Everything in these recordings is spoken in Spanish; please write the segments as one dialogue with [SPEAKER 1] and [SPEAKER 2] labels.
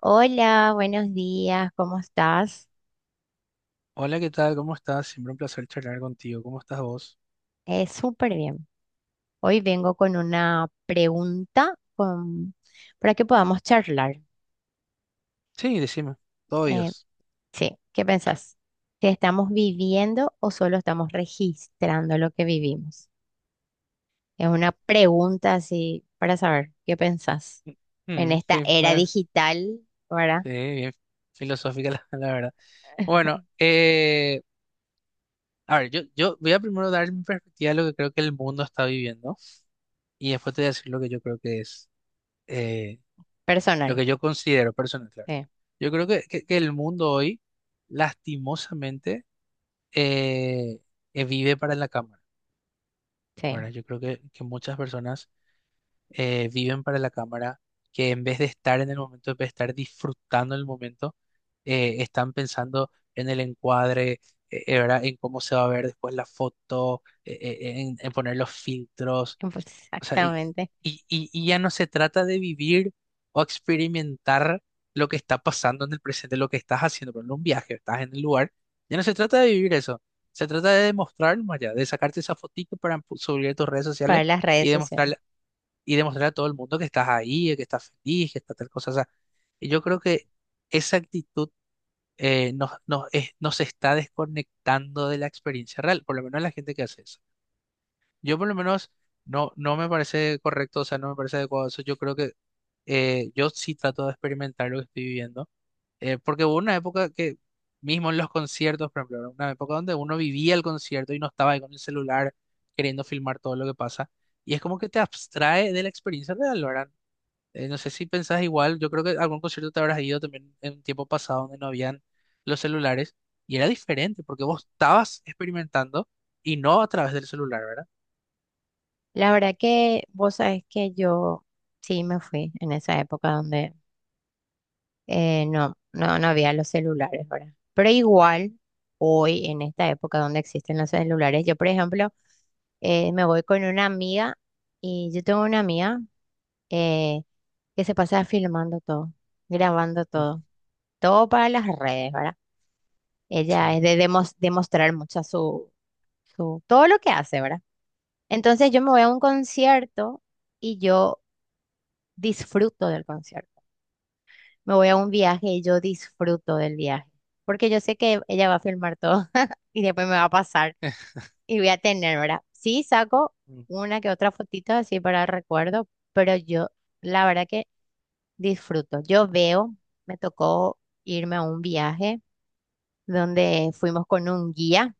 [SPEAKER 1] Hola, buenos días, ¿cómo estás?
[SPEAKER 2] Hola, ¿qué tal? ¿Cómo estás? Siempre un placer charlar contigo. ¿Cómo estás vos?
[SPEAKER 1] Súper bien. Hoy vengo con una pregunta para que podamos charlar.
[SPEAKER 2] Sí, decime. Todo
[SPEAKER 1] Eh,
[SPEAKER 2] oídos.
[SPEAKER 1] sí, ¿qué pensás? ¿Que estamos viviendo o solo estamos registrando lo que vivimos? Es una pregunta así para saber qué pensás en
[SPEAKER 2] Mm,
[SPEAKER 1] esta
[SPEAKER 2] sí,
[SPEAKER 1] era digital, ¿verdad?
[SPEAKER 2] sí, bien filosófica la verdad. Bueno, a ver, yo voy a primero dar mi perspectiva de lo que creo que el mundo está viviendo y después te voy a decir lo que yo creo que es, eh, lo
[SPEAKER 1] Personal.
[SPEAKER 2] que yo considero personal, claro.
[SPEAKER 1] Sí,
[SPEAKER 2] Yo creo que el mundo hoy, lastimosamente, eh, vive para la cámara.
[SPEAKER 1] sí,
[SPEAKER 2] Bueno, yo creo que muchas personas viven para la cámara, que en vez de estar en el momento, en vez de estar disfrutando el momento, están pensando en el encuadre, ¿verdad? En cómo se va a ver después la foto, en poner los filtros, o sea, y,
[SPEAKER 1] exactamente,
[SPEAKER 2] y, y y ya no se trata de vivir o experimentar lo que está pasando en el presente, lo que estás haciendo, por ejemplo, un viaje, estás en el lugar, ya no se trata de vivir eso. Se trata de demostrar más allá, de sacarte esa fotito para subir a tus redes sociales
[SPEAKER 1] para las redes
[SPEAKER 2] y
[SPEAKER 1] sociales.
[SPEAKER 2] demostrar y demostrarle a todo el mundo que estás ahí, que estás feliz, que está tal cosa. O sea, y yo creo que esa actitud nos está desconectando de la experiencia real, por lo menos la gente que hace eso. Yo por lo menos no, no me parece correcto, o sea, no me parece adecuado eso. Yo creo que yo sí trato de experimentar lo que estoy viviendo, porque hubo una época que, mismo en los conciertos, por ejemplo, era una época donde uno vivía el concierto y no estaba ahí con el celular queriendo filmar todo lo que pasa. Y es como que te abstrae de la experiencia real, ¿verdad? No sé si pensás igual, yo creo que a algún concierto te habrás ido también en un tiempo pasado donde no habían los celulares y era diferente porque vos estabas experimentando y no a través del celular, ¿verdad?
[SPEAKER 1] La verdad que vos sabés que yo sí me fui en esa época donde no, no, no había los celulares, ¿verdad? Pero igual, hoy, en esta época donde existen los celulares, yo, por ejemplo, me voy con una amiga y yo tengo una amiga eh, que se pasa filmando todo, grabando
[SPEAKER 2] Ujú.
[SPEAKER 1] todo, todo para las redes, ¿verdad? Ella
[SPEAKER 2] Sí.
[SPEAKER 1] es de demostrar mucho su, su, todo lo que hace, ¿verdad? Entonces yo me voy a un concierto y yo disfruto del concierto. Me voy a un viaje y yo disfruto del viaje, porque yo sé que ella va a filmar todo y después me va a pasar y voy a tener, ¿verdad? Sí, saco
[SPEAKER 2] Mm.
[SPEAKER 1] una que otra fotito así para recuerdo, pero yo la verdad que disfruto. Yo veo, me tocó irme a un viaje donde fuimos con un guía,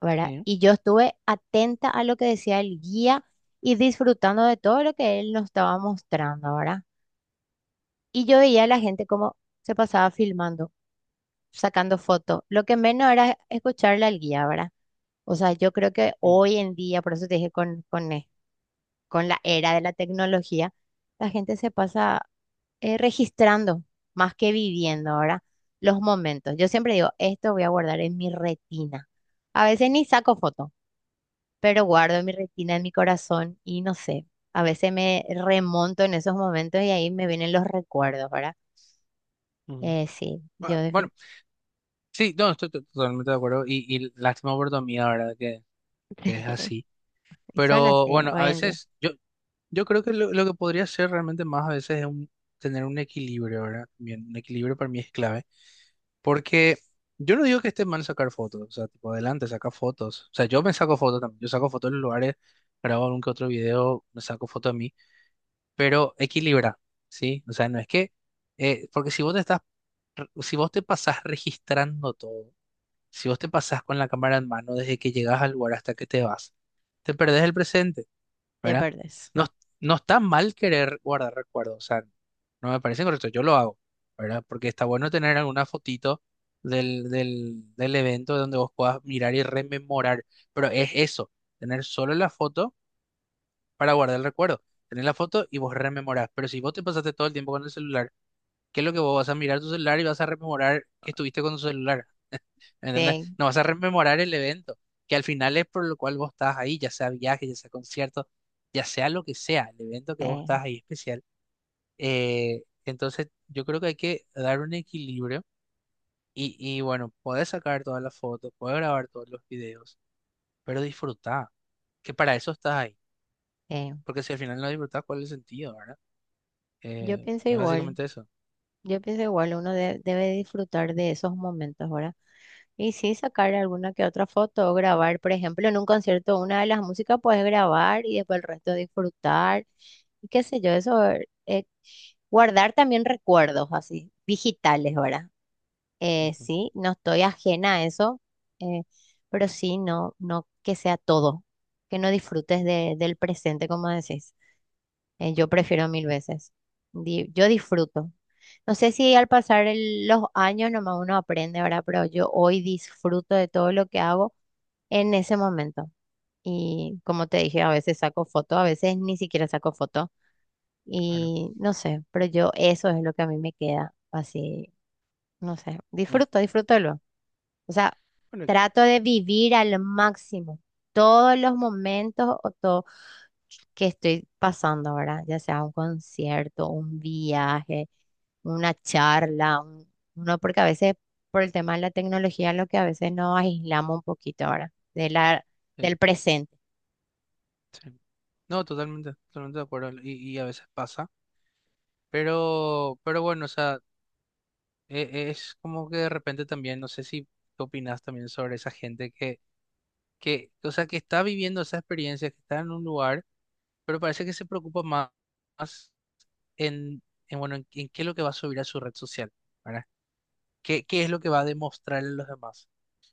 [SPEAKER 1] ¿verdad?
[SPEAKER 2] Sí.
[SPEAKER 1] Y yo estuve atenta a lo que decía el guía y disfrutando de todo lo que él nos estaba mostrando, ¿verdad? Y yo veía a la gente como se pasaba filmando, sacando fotos. Lo que menos era escucharle al guía, ¿verdad? O sea, yo creo que
[SPEAKER 2] Mm.
[SPEAKER 1] hoy en día, por eso te dije con la era de la tecnología, la gente se pasa registrando más que viviendo ahora los momentos. Yo
[SPEAKER 2] Mm.
[SPEAKER 1] siempre digo, esto voy a guardar en mi retina. A veces ni saco foto, pero guardo en mi retina, en mi corazón y no sé, a veces me remonto en esos momentos y ahí me vienen los recuerdos, ¿verdad?
[SPEAKER 2] Ujú.
[SPEAKER 1] Sí, yo
[SPEAKER 2] Ah, bueno,
[SPEAKER 1] definitivamente.
[SPEAKER 2] sí, no, estoy totalmente de acuerdo y lástima por tu amiga, ¿verdad? Que es así.
[SPEAKER 1] Y son
[SPEAKER 2] Pero
[SPEAKER 1] así
[SPEAKER 2] bueno,
[SPEAKER 1] hoy
[SPEAKER 2] a
[SPEAKER 1] en día,
[SPEAKER 2] veces yo creo que lo que podría ser realmente más a veces es tener un equilibrio, ¿verdad? También un equilibrio para mí es clave. Porque yo no digo que esté mal sacar fotos, o sea, tipo adelante, saca fotos. O sea, yo me saco fotos también, yo saco fotos en los lugares, grabo algún que otro video, me saco fotos a mí, pero equilibra, ¿sí? O sea, no es que, porque si vos te estás, si vos te pasás registrando todo, si vos te pasás con la cámara en mano desde que llegas al lugar hasta que te vas, te perdés el presente,
[SPEAKER 1] de
[SPEAKER 2] ¿verdad?
[SPEAKER 1] verdes.
[SPEAKER 2] No, no está mal querer guardar recuerdos, o sea, no me parece correcto, yo lo hago, ¿verdad? Porque está bueno tener alguna fotito del evento donde vos puedas mirar y rememorar, pero es eso, tener solo la foto para guardar el recuerdo, tener la foto y vos rememorás, pero si vos te pasaste todo el tiempo con el celular, ¿qué es lo que vos vas a mirar tu celular y vas a rememorar que estuviste con tu celular? ¿Entendés?
[SPEAKER 1] Sí,
[SPEAKER 2] No vas a rememorar el evento, que al final es por lo cual vos estás ahí, ya sea viaje, ya sea concierto, ya sea lo que sea, el evento que
[SPEAKER 1] sí
[SPEAKER 2] vos estás ahí especial. Entonces, yo creo que hay que dar un equilibrio y bueno, podés sacar todas las fotos, podés grabar todos los videos, pero disfrutá, que para eso estás ahí.
[SPEAKER 1] eh.
[SPEAKER 2] Porque si al final no disfrutás, ¿cuál es el sentido, verdad?
[SPEAKER 1] Yo pienso
[SPEAKER 2] Es
[SPEAKER 1] igual,
[SPEAKER 2] básicamente eso.
[SPEAKER 1] yo pienso igual, uno debe disfrutar de esos momentos, ¿verdad? Y sí, sacar alguna que otra foto o grabar, por ejemplo, en un concierto, una de las músicas puedes grabar y después el resto disfrutar, y qué sé yo, eso, eh, guardar también recuerdos así, digitales, ¿verdad?
[SPEAKER 2] Ujú,
[SPEAKER 1] Sí, no estoy ajena a eso, eh, pero sí, no, no que sea todo, que no disfrutes del presente, como decís. Yo prefiero mil veces. Yo disfruto. No sé si al pasar los años nomás uno aprende, ¿verdad? Pero yo hoy disfruto de todo lo que hago en ese momento. Y como te dije, a veces saco foto, a veces ni siquiera saco foto.
[SPEAKER 2] claro.
[SPEAKER 1] Y no sé, pero yo eso es lo que a mí me queda así, no sé,
[SPEAKER 2] Ne-
[SPEAKER 1] disfruto, disfrútalo. O sea,
[SPEAKER 2] Bueno,
[SPEAKER 1] trato de vivir al máximo todos los momentos o todo que estoy pasando ahora, ya sea un concierto, un viaje, una charla, uno, porque a veces por el tema de la tecnología, lo que a veces nos aislamos un poquito ahora de la,
[SPEAKER 2] sí,
[SPEAKER 1] del presente.
[SPEAKER 2] sí. No, totalmente, totalmente de acuerdo. Y a veces pasa. Pero bueno, o sea, es como que de repente también, no sé si tú opinas también sobre esa gente que, o sea, que está viviendo esa experiencia, que está en un lugar, pero parece que se preocupa más, más en, en, bueno, en qué es lo que va a subir a su red social, ¿verdad? ¿Qué es lo que va a demostrarle a los demás?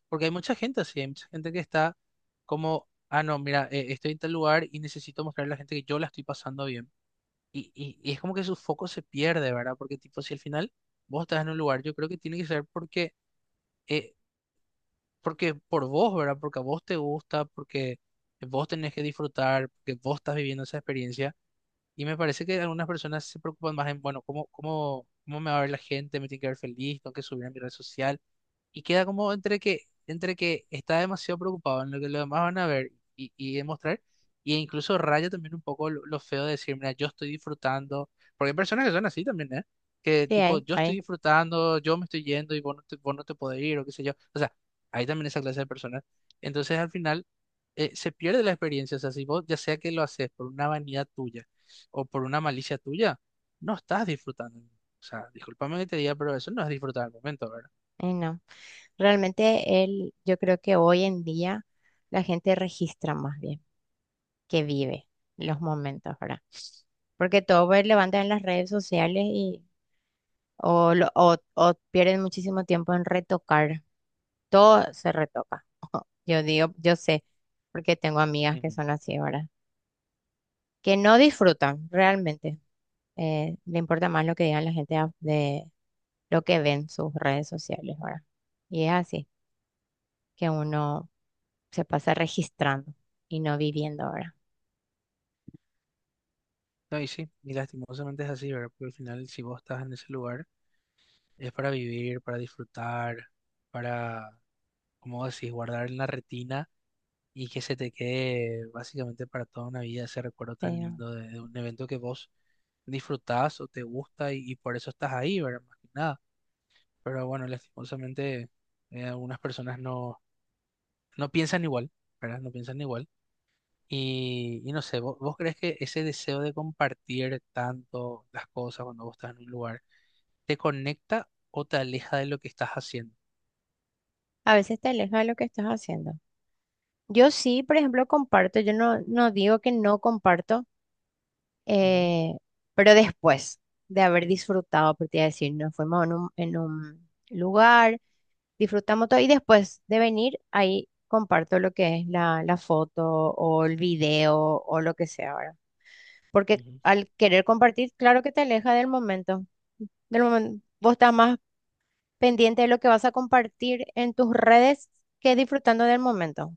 [SPEAKER 2] Porque hay mucha gente así, hay mucha gente que está como, ah, no, mira, estoy en tal lugar y necesito mostrarle a la gente que yo la estoy pasando bien. Y es como que su foco se pierde, ¿verdad? Porque tipo, si al final vos estás en un lugar, yo creo que tiene que ser porque, eh, porque por vos, ¿verdad? Porque a vos te gusta, porque vos tenés que disfrutar, porque vos estás viviendo esa experiencia. Y me parece que algunas personas se preocupan más en, bueno, cómo me va a ver la gente? ¿Me tiene que ver feliz? ¿Tengo que subir a mi red social? Y queda como entre que está demasiado preocupado en lo que los demás van a ver y demostrar, y incluso raya también un poco lo feo de decir, mira, yo estoy disfrutando, porque hay personas que son así también, ¿eh? Que
[SPEAKER 1] Sí,
[SPEAKER 2] tipo,
[SPEAKER 1] ahí,
[SPEAKER 2] yo estoy
[SPEAKER 1] ahí,
[SPEAKER 2] disfrutando, yo me estoy yendo y vos no te podés ir o qué sé yo. O sea, hay también esa clase de personas. Entonces al final se pierde la experiencia, o sea, si vos ya sea que lo haces por una vanidad tuya o por una malicia tuya, no estás disfrutando. O sea, discúlpame que te diga, pero eso no es disfrutar el momento, ¿verdad?
[SPEAKER 1] ahí no. Realmente el, yo creo que hoy en día la gente registra más bien que vive los momentos, ¿verdad? Porque todo pues, levantan en las redes sociales y o, o pierden muchísimo tiempo en retocar. Todo se retoca. Yo digo, yo sé, porque tengo amigas que
[SPEAKER 2] Ujú.
[SPEAKER 1] son así ahora, que no disfrutan realmente. Le importa más lo que digan la gente de lo que ven sus redes sociales ahora. Y es así, que uno se pasa registrando y no viviendo ahora.
[SPEAKER 2] No, y sí, y lastimosamente es así, ¿verdad? Porque al final, si vos estás en ese lugar, es para vivir, para disfrutar, para, como decís, guardar en la retina y que se te quede básicamente para toda una vida ese recuerdo tan
[SPEAKER 1] Pero
[SPEAKER 2] lindo de un evento que vos disfrutás o te gusta y por eso estás ahí, ¿verdad? Más que nada. Pero bueno, lastimosamente, algunas personas no, no piensan igual, ¿verdad? No piensan igual. Y no sé, ¿vos, crees que ese deseo de compartir tanto las cosas cuando vos estás en un lugar te conecta o te aleja de lo que estás haciendo?
[SPEAKER 1] a veces te aleja de lo que estás haciendo. Yo sí, por ejemplo, comparto, yo no, no digo que no comparto,
[SPEAKER 2] Ujú,
[SPEAKER 1] eh, pero después de haber disfrutado, por te iba a decir, nos fuimos en un lugar, disfrutamos todo y después de venir ahí comparto lo que es la, la foto o el video o lo que sea ahora. Porque
[SPEAKER 2] ujú,
[SPEAKER 1] al querer compartir, claro que te aleja del momento, del momento. Vos estás más pendiente de lo que vas a compartir en tus redes que disfrutando del momento.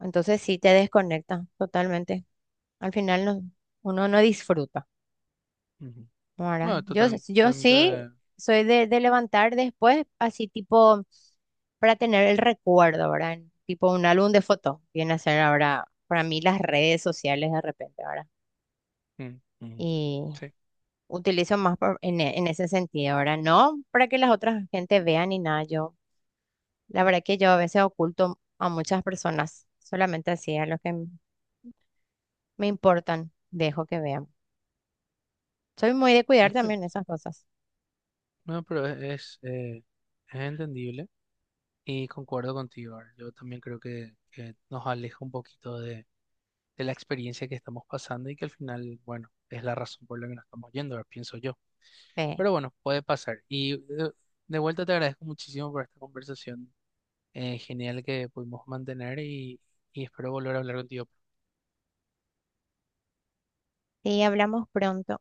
[SPEAKER 1] Entonces sí te desconecta totalmente. Al final, uno no disfruta.
[SPEAKER 2] ujú.
[SPEAKER 1] Ahora,
[SPEAKER 2] Bueno,
[SPEAKER 1] yo, yo sí
[SPEAKER 2] totalmente.
[SPEAKER 1] soy de levantar después, así tipo, para tener el recuerdo, ¿verdad? En tipo un álbum de fotos, viene a ser ahora para mí las redes sociales de repente, ¿verdad?
[SPEAKER 2] Mm, ujú.
[SPEAKER 1] Y
[SPEAKER 2] Sí,
[SPEAKER 1] utilizo más en, en ese sentido, ¿verdad? No para que las otras gente vean ni nada. Yo, la verdad que yo a veces oculto a muchas personas, solamente así a los que me importan, dejo que vean. Soy muy de cuidar
[SPEAKER 2] está bien.
[SPEAKER 1] también esas cosas.
[SPEAKER 2] No, pero es entendible y concuerdo contigo. Ar. Yo también creo que nos aleja un poquito de la experiencia que estamos pasando y que al final, bueno, es la razón por la que nos estamos yendo, Ar, pienso yo.
[SPEAKER 1] Sí.
[SPEAKER 2] Pero bueno, puede pasar. Y de vuelta te agradezco muchísimo por esta conversación genial que pudimos mantener y espero volver a hablar contigo.
[SPEAKER 1] Sí, hablamos pronto.